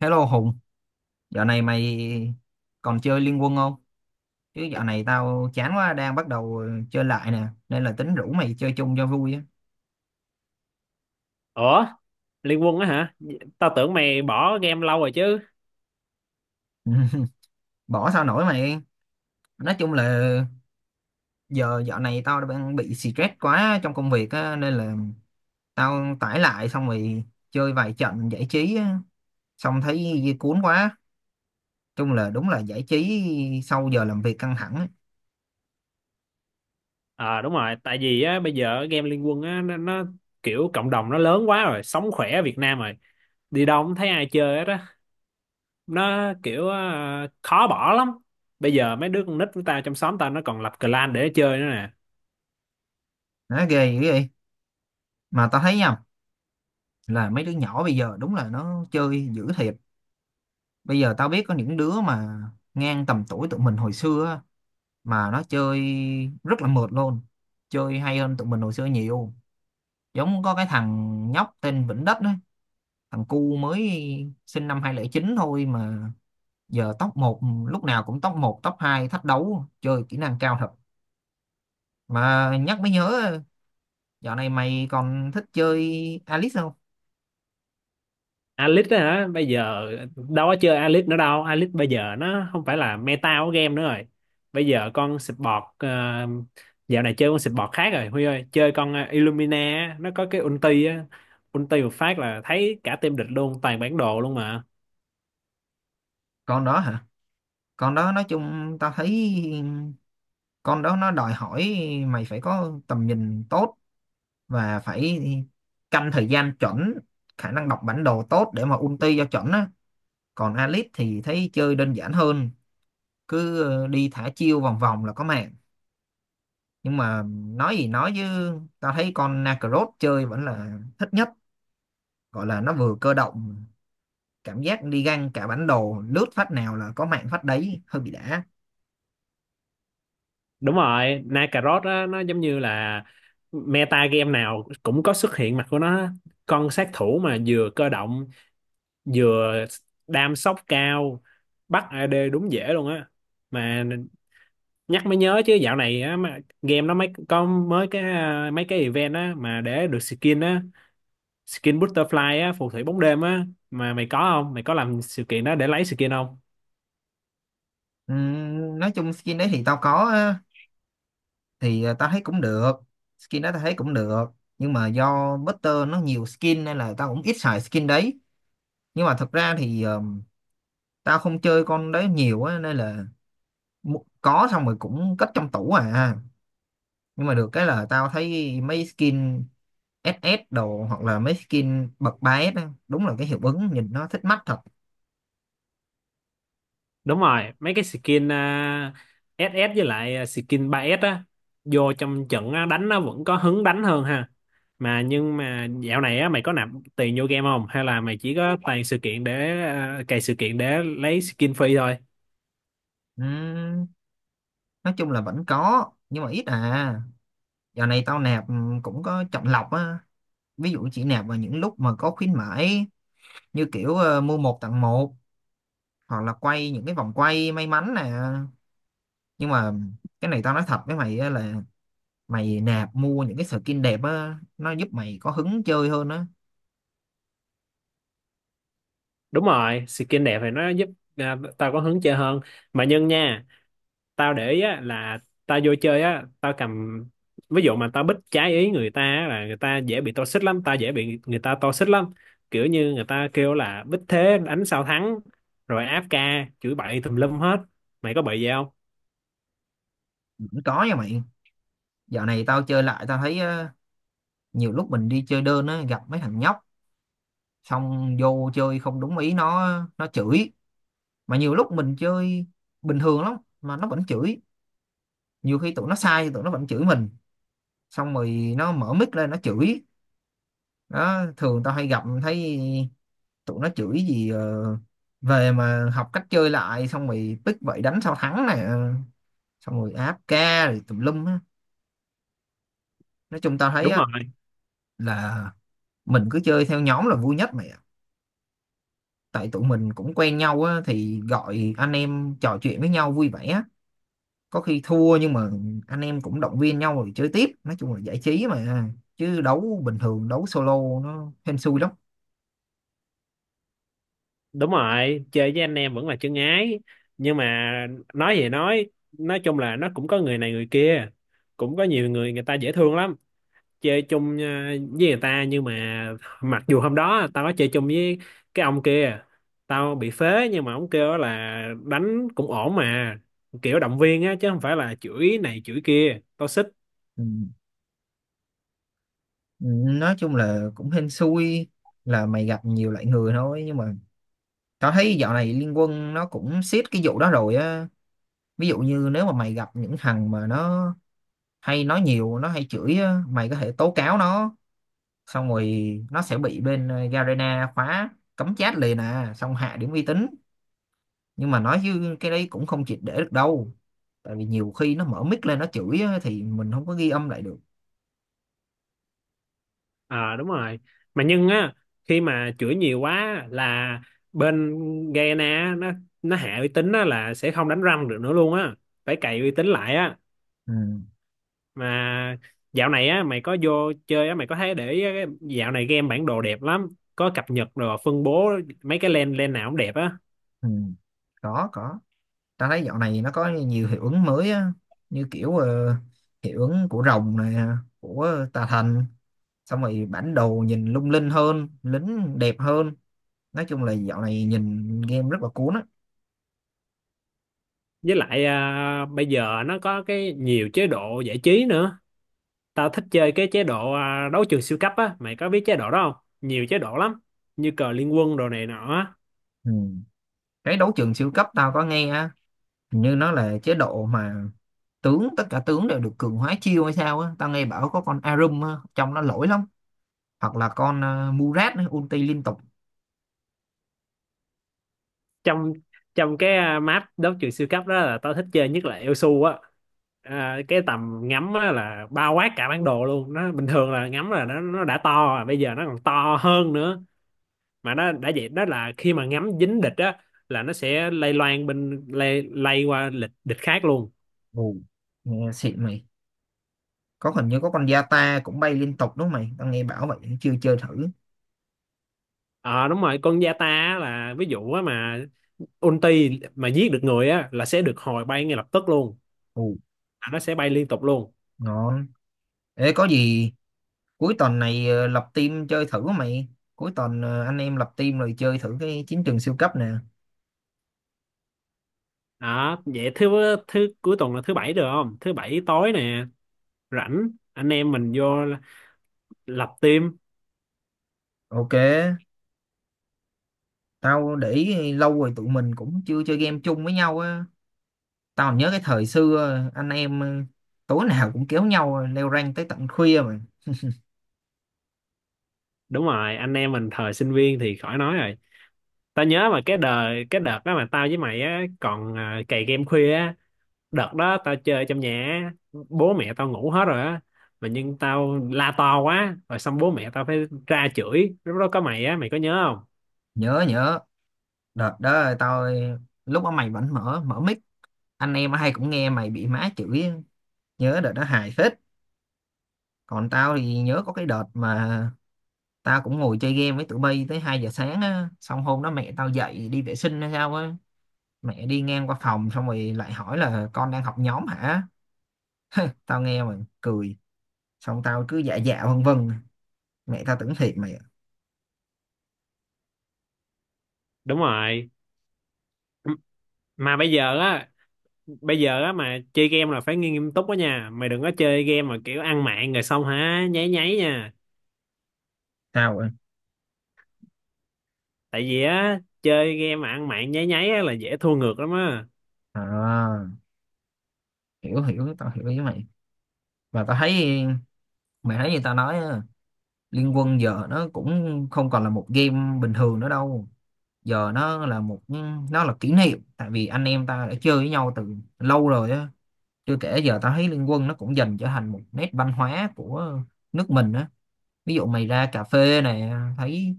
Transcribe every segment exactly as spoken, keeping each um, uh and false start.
Hello Hùng, dạo này mày còn chơi Liên Quân không? Chứ dạo này tao chán quá, đang bắt đầu chơi lại nè, nên là tính rủ mày chơi chung cho vui á. Ủa, Liên Quân á hả? Tao tưởng mày bỏ game lâu rồi chứ. Bỏ sao nổi mày. Nói chung là giờ dạo này tao đang bị stress quá trong công việc á, nên là tao tải lại xong rồi chơi vài trận giải trí á, xong thấy cuốn quá. Chung là đúng là giải trí sau giờ làm việc căng thẳng á. À đúng rồi, tại vì á bây giờ game Liên Quân á nó, nó kiểu cộng đồng nó lớn quá rồi, sống khỏe ở Việt Nam rồi. Đi đâu cũng thấy ai chơi hết á. Nó kiểu ờ, khó bỏ lắm. Bây giờ mấy đứa con nít của tao trong xóm tao nó còn lập clan để chơi nữa nè. Nó ghê dữ vậy. Mà tao thấy nha, là mấy đứa nhỏ bây giờ đúng là nó chơi dữ thiệt. Bây giờ tao biết có những đứa mà ngang tầm tuổi tụi mình hồi xưa á, mà nó chơi rất là mượt luôn, chơi hay hơn tụi mình hồi xưa nhiều. Giống có cái thằng nhóc tên Vĩnh Đất á, thằng cu mới sinh năm hai không không chín thôi mà giờ top một, lúc nào cũng top một top hai thách đấu, chơi kỹ năng cao thật. Mà nhắc mới nhớ, dạo này mày còn thích chơi Alice không? Alice á hả? Bây giờ đâu có chơi Alice nữa đâu, Alice bây giờ nó không phải là meta của game nữa rồi. Bây giờ con support ờ, dạo này chơi con support khác rồi Huy ơi, chơi con ờ, Illumina á, nó có cái ulti á, ulti một phát là thấy cả team địch luôn, toàn bản đồ luôn mà. Con đó hả? Con đó nói chung tao thấy con đó nó đòi hỏi mày phải có tầm nhìn tốt và phải canh thời gian chuẩn, khả năng đọc bản đồ tốt để mà ulti cho chuẩn á. Còn Alice thì thấy chơi đơn giản hơn, cứ ờ, đi thả chiêu vòng vòng là có mạng. Nhưng mà nói gì nói chứ, tao thấy con Nakaroth chơi vẫn là thích nhất, gọi là nó vừa cơ động, cảm giác đi găng cả bản đồ, lướt phát nào là có mạng phát đấy, hơi bị đã. Đúng rồi, Nakarot á nó giống như là meta game nào cũng có xuất hiện mặt của nó, con sát thủ mà vừa cơ động vừa đam sốc cao, bắt A D đúng dễ luôn á. Mà nhắc mới nhớ chứ, dạo này á mà game nó mới có mới cái à, mấy cái event á mà để được skin á, skin butterfly á, phù thủy bóng đêm á, mà mày có không? Mày có làm sự kiện đó để lấy skin không? Ừm, nói chung skin đấy thì tao có, thì ờ, tao thấy cũng được, skin đó tao thấy cũng được, nhưng mà do Butter nó nhiều skin nên là tao cũng ít xài skin đấy. Nhưng mà thật ra thì ờ, tao không chơi con đấy nhiều á, nên là mu- có xong rồi cũng cất trong tủ à. Nhưng mà được cái là tao thấy mấy skin ét ét đồ, hoặc là mấy skin bậc ba s á, đúng là cái hiệu ứng nhìn nó thích mắt thật. Đúng rồi, mấy cái skin à, ét ét với lại à, skin ba ét á, vô trong trận á, đánh nó vẫn có hứng đánh hơn ha. Mà nhưng mà dạo này á mày có nạp tiền vô game không, hay là mày chỉ có toàn sự kiện để à, cày sự kiện để lấy skin free thôi? Ừm, nói chung là vẫn có nhưng mà ít à. Dạo này tao nạp ừm, cũng có chọn lọc á, ví dụ chỉ nạp vào những lúc mà có khuyến mãi, như kiểu ờ, mua một tặng một, hoặc là quay những cái vòng quay may mắn nè. Nhưng mà cái này tao nói thật với mày á, là mày nạp mua những cái skin đẹp á nó giúp mày có hứng chơi hơn á. Đúng rồi, skin đẹp thì nó giúp à, tao có hứng chơi hơn. Mà nhân nha, tao để ý á, là tao vô chơi á tao cầm, ví dụ mà tao bích trái ý người ta á, là người ta dễ bị toxic lắm, tao dễ bị người ta toxic lắm, kiểu như người ta kêu là bích thế đánh sao thắng, rồi áp ca chửi bậy tùm lum hết. Mày có bị gì không? Vẫn có nha mày. Dạo này tao chơi lại tao thấy ờ, nhiều lúc mình đi chơi đơn á gặp mấy thằng nhóc, xong vô chơi không đúng ý nó nó chửi. Mà nhiều lúc mình chơi bình thường lắm mà nó vẫn chửi, nhiều khi tụi nó sai thì tụi nó vẫn chửi mình. Xong rồi nó mở mic lên nó chửi. Đó thường tao hay gặp thấy tụi nó chửi gì ờ, về mà học cách chơi lại, xong rồi pick vậy đánh sao thắng nè, xong rồi áp ca rồi tùm lum á. Nói chung tao thấy Đúng á, rồi. là mình cứ chơi theo nhóm là vui nhất mày ạ, tại tụi mình cũng quen nhau á, thì gọi anh em trò chuyện với nhau vui vẻ á. Có khi thua nhưng mà anh em cũng động viên nhau rồi chơi tiếp, nói chung là giải trí mà, chứ đấu bình thường đấu solo nó hên xui lắm. Đúng rồi, chơi với anh em vẫn là chân ái. Nhưng mà nói gì nói nói chung là nó cũng có người này người kia, cũng có nhiều người người ta dễ thương lắm, chơi chung ờ, với người ta. Nhưng mà mặc dù hôm đó tao có chơi chung với cái ông kia, tao bị phế nhưng mà ông kêu là đánh cũng ổn mà, kiểu động viên á chứ không phải là chửi này chửi kia, tao xích. Ừ. Ừ, nói chung là cũng hên xui, là mày gặp nhiều loại người thôi. Nhưng mà tao thấy dạo này Liên Quân nó cũng siết cái vụ đó rồi á. Ví dụ như nếu mà mày gặp những thằng mà nó hay nói nhiều, nó hay chửi á, mày có thể tố cáo nó. Xong rồi nó sẽ bị bên ờ, Garena khóa cấm chat liền à, xong hạ điểm uy tín. Nhưng mà nói chứ cái đấy cũng không triệt để được đâu. Tại vì nhiều khi nó mở mic lên nó chửi á, thì mình không có ghi âm lại được. Ờ đúng rồi, mà nhưng á khi mà chửi nhiều quá là bên Gana nó nó hạ uy tín á là sẽ không đánh răng được nữa luôn á, phải cày uy tín lại á. Ừ, Mà dạo này á mày có vô chơi á, mày có thấy để ý á, cái dạo này game bản đồ đẹp lắm, có cập nhật rồi phân bố mấy cái lane, lane nào cũng đẹp á. ừ. Có, có. Tao thấy dạo này nó có nhiều hiệu ứng mới á. Như kiểu ờ, hiệu ứng của rồng này, của tà thần, xong rồi bản đồ nhìn lung linh hơn, lính đẹp hơn. Nói chung là dạo này nhìn game rất là cuốn á. Với lại à, bây giờ nó có cái nhiều chế độ giải trí nữa. Tao thích chơi cái chế độ à, đấu trường siêu cấp á, mày có biết chế độ đó không? Nhiều chế độ lắm, như cờ liên quân đồ này nọ á. Ừ. Cái đấu trường siêu cấp tao có nghe á, hình như nó là chế độ mà tướng, tất cả tướng đều được cường hóa chiêu hay sao á. Tao nghe bảo có con Arum á, trong nó lỗi lắm, hoặc là con ờ, Murat á, ulti liên tục. Trong trong cái à, map đấu trường siêu cấp đó là tao thích chơi nhất là Elsu á, à, cái tầm ngắm á là bao quát cả bản đồ luôn, nó bình thường là ngắm là nó nó đã to rồi, bây giờ nó còn to hơn nữa. Mà nó đã vậy đó là khi mà ngắm dính địch á là nó sẽ lây loan bên lây, lây qua lịch địch khác luôn. Ồ, nghe xịn mày. Có, hình như có con Yata cũng bay liên tục đúng không mày, tao nghe bảo vậy chưa chơi thử. Ờ đúng rồi, con Yata á là ví dụ á mà ulti mà giết được người á là sẽ được hồi bay ngay lập tức luôn. Ồ. À, nó sẽ bay liên tục luôn. Ngon. Ê, có gì cuối tuần này ờ, lập team chơi thử mày, cuối tuần ờ, anh em lập team rồi chơi thử cái chiến trường siêu cấp nè. Đó vậy thứ thứ cuối tuần là thứ bảy được không? Thứ bảy tối nè, rảnh anh em mình vô lập team. OK, tao để ý lâu rồi tụi mình cũng chưa chơi game chung với nhau á. Tao nhớ cái thời xưa ờ, anh em ờ, tối nào cũng kéo nhau ờ, leo rank tới tận khuya mà. Đúng rồi, anh em mình thời sinh viên thì khỏi nói rồi. Tao nhớ mà cái đời cái đợt đó mà tao với mày á còn à, cày game khuya á. Đợt đó tao chơi trong nhà á, bố mẹ tao ngủ hết rồi á, mà nhưng tao la to quá rồi xong bố mẹ tao phải ra chửi, lúc đó có mày á, mày có nhớ không? Nhớ, nhớ. Đợt đó tao ờ, lúc đó mày vẫn mở mở mic, anh em hay cũng nghe mày bị má chửi, nhớ đợt đó hài phết. Còn tao thì nhớ có cái đợt mà tao cũng ngồi chơi game với tụi bay tới hai giờ sáng á, xong hôm đó mẹ tao dậy đi vệ sinh hay sao á, mẹ đi ngang qua phòng xong rồi lại hỏi là con đang học nhóm hả. Tao nghe mà cười, xong tao cứ dạ dạ vân vân, mẹ tao tưởng thiệt mày. Đúng rồi. M- mà bây giờ á, bây giờ á mà chơi game là phải nghiêm nghiêm túc đó nha mày, đừng có chơi game mà kiểu ăn mạng rồi xong hả nháy nháy nha. Tao sao ạ? Tại vì á chơi game mà ăn mạng nháy nháy á là dễ thua ngược lắm á. À, hiểu, hiểu, tao hiểu với mày. Và tao thấy mày thấy như tao nói á, Liên Quân giờ nó cũng không còn là một game bình thường nữa đâu, giờ nó là một, nó là kỷ niệm, tại vì anh em ta đã chơi với nhau từ lâu rồi á. Chưa kể giờ tao thấy Liên Quân nó cũng dần trở thành một nét văn hóa của nước mình á. Ví dụ mày ra cà phê này, thấy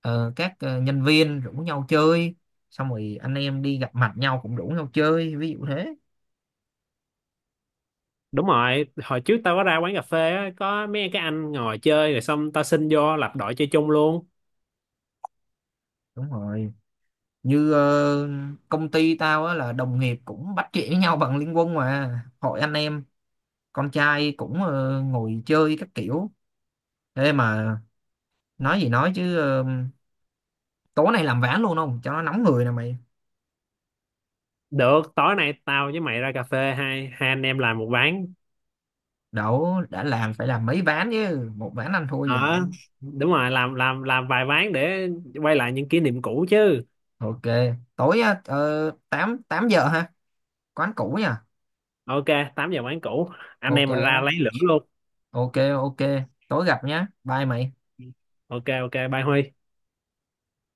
ờ, các ờ, nhân viên rủ nhau chơi, xong rồi anh em đi gặp mặt nhau cũng rủ nhau chơi, ví dụ thế. Đúng rồi, hồi trước tao có ra quán cà phê á, có mấy cái anh ngồi chơi rồi xong tao xin vô lập đội chơi chung luôn. Đúng rồi, như ờ, công ty tao á là đồng nghiệp cũng bắt chuyện với nhau bằng Liên Quân, mà hội anh em con trai cũng ờ, ngồi chơi các kiểu. Thế mà nói gì nói chứ ờ, tối nay làm ván luôn không cho nó nóng người nè mày. Được, tối nay tao với mày ra cà phê, hai hai anh em làm một ván. Đậu, đã làm phải làm mấy ván chứ, một ván anh thua gì mà. Ờ đúng rồi, làm làm làm vài ván để quay lại những kỷ niệm cũ chứ. OK, tối á, ờ, 8 8 giờ ha, quán cũ nha. Ok, tám giờ quán cũ, anh OK em mình ra á. lấy lửa luôn. OK, OK, tối gặp nhá, bye mày. Ok, ok, bye Huy.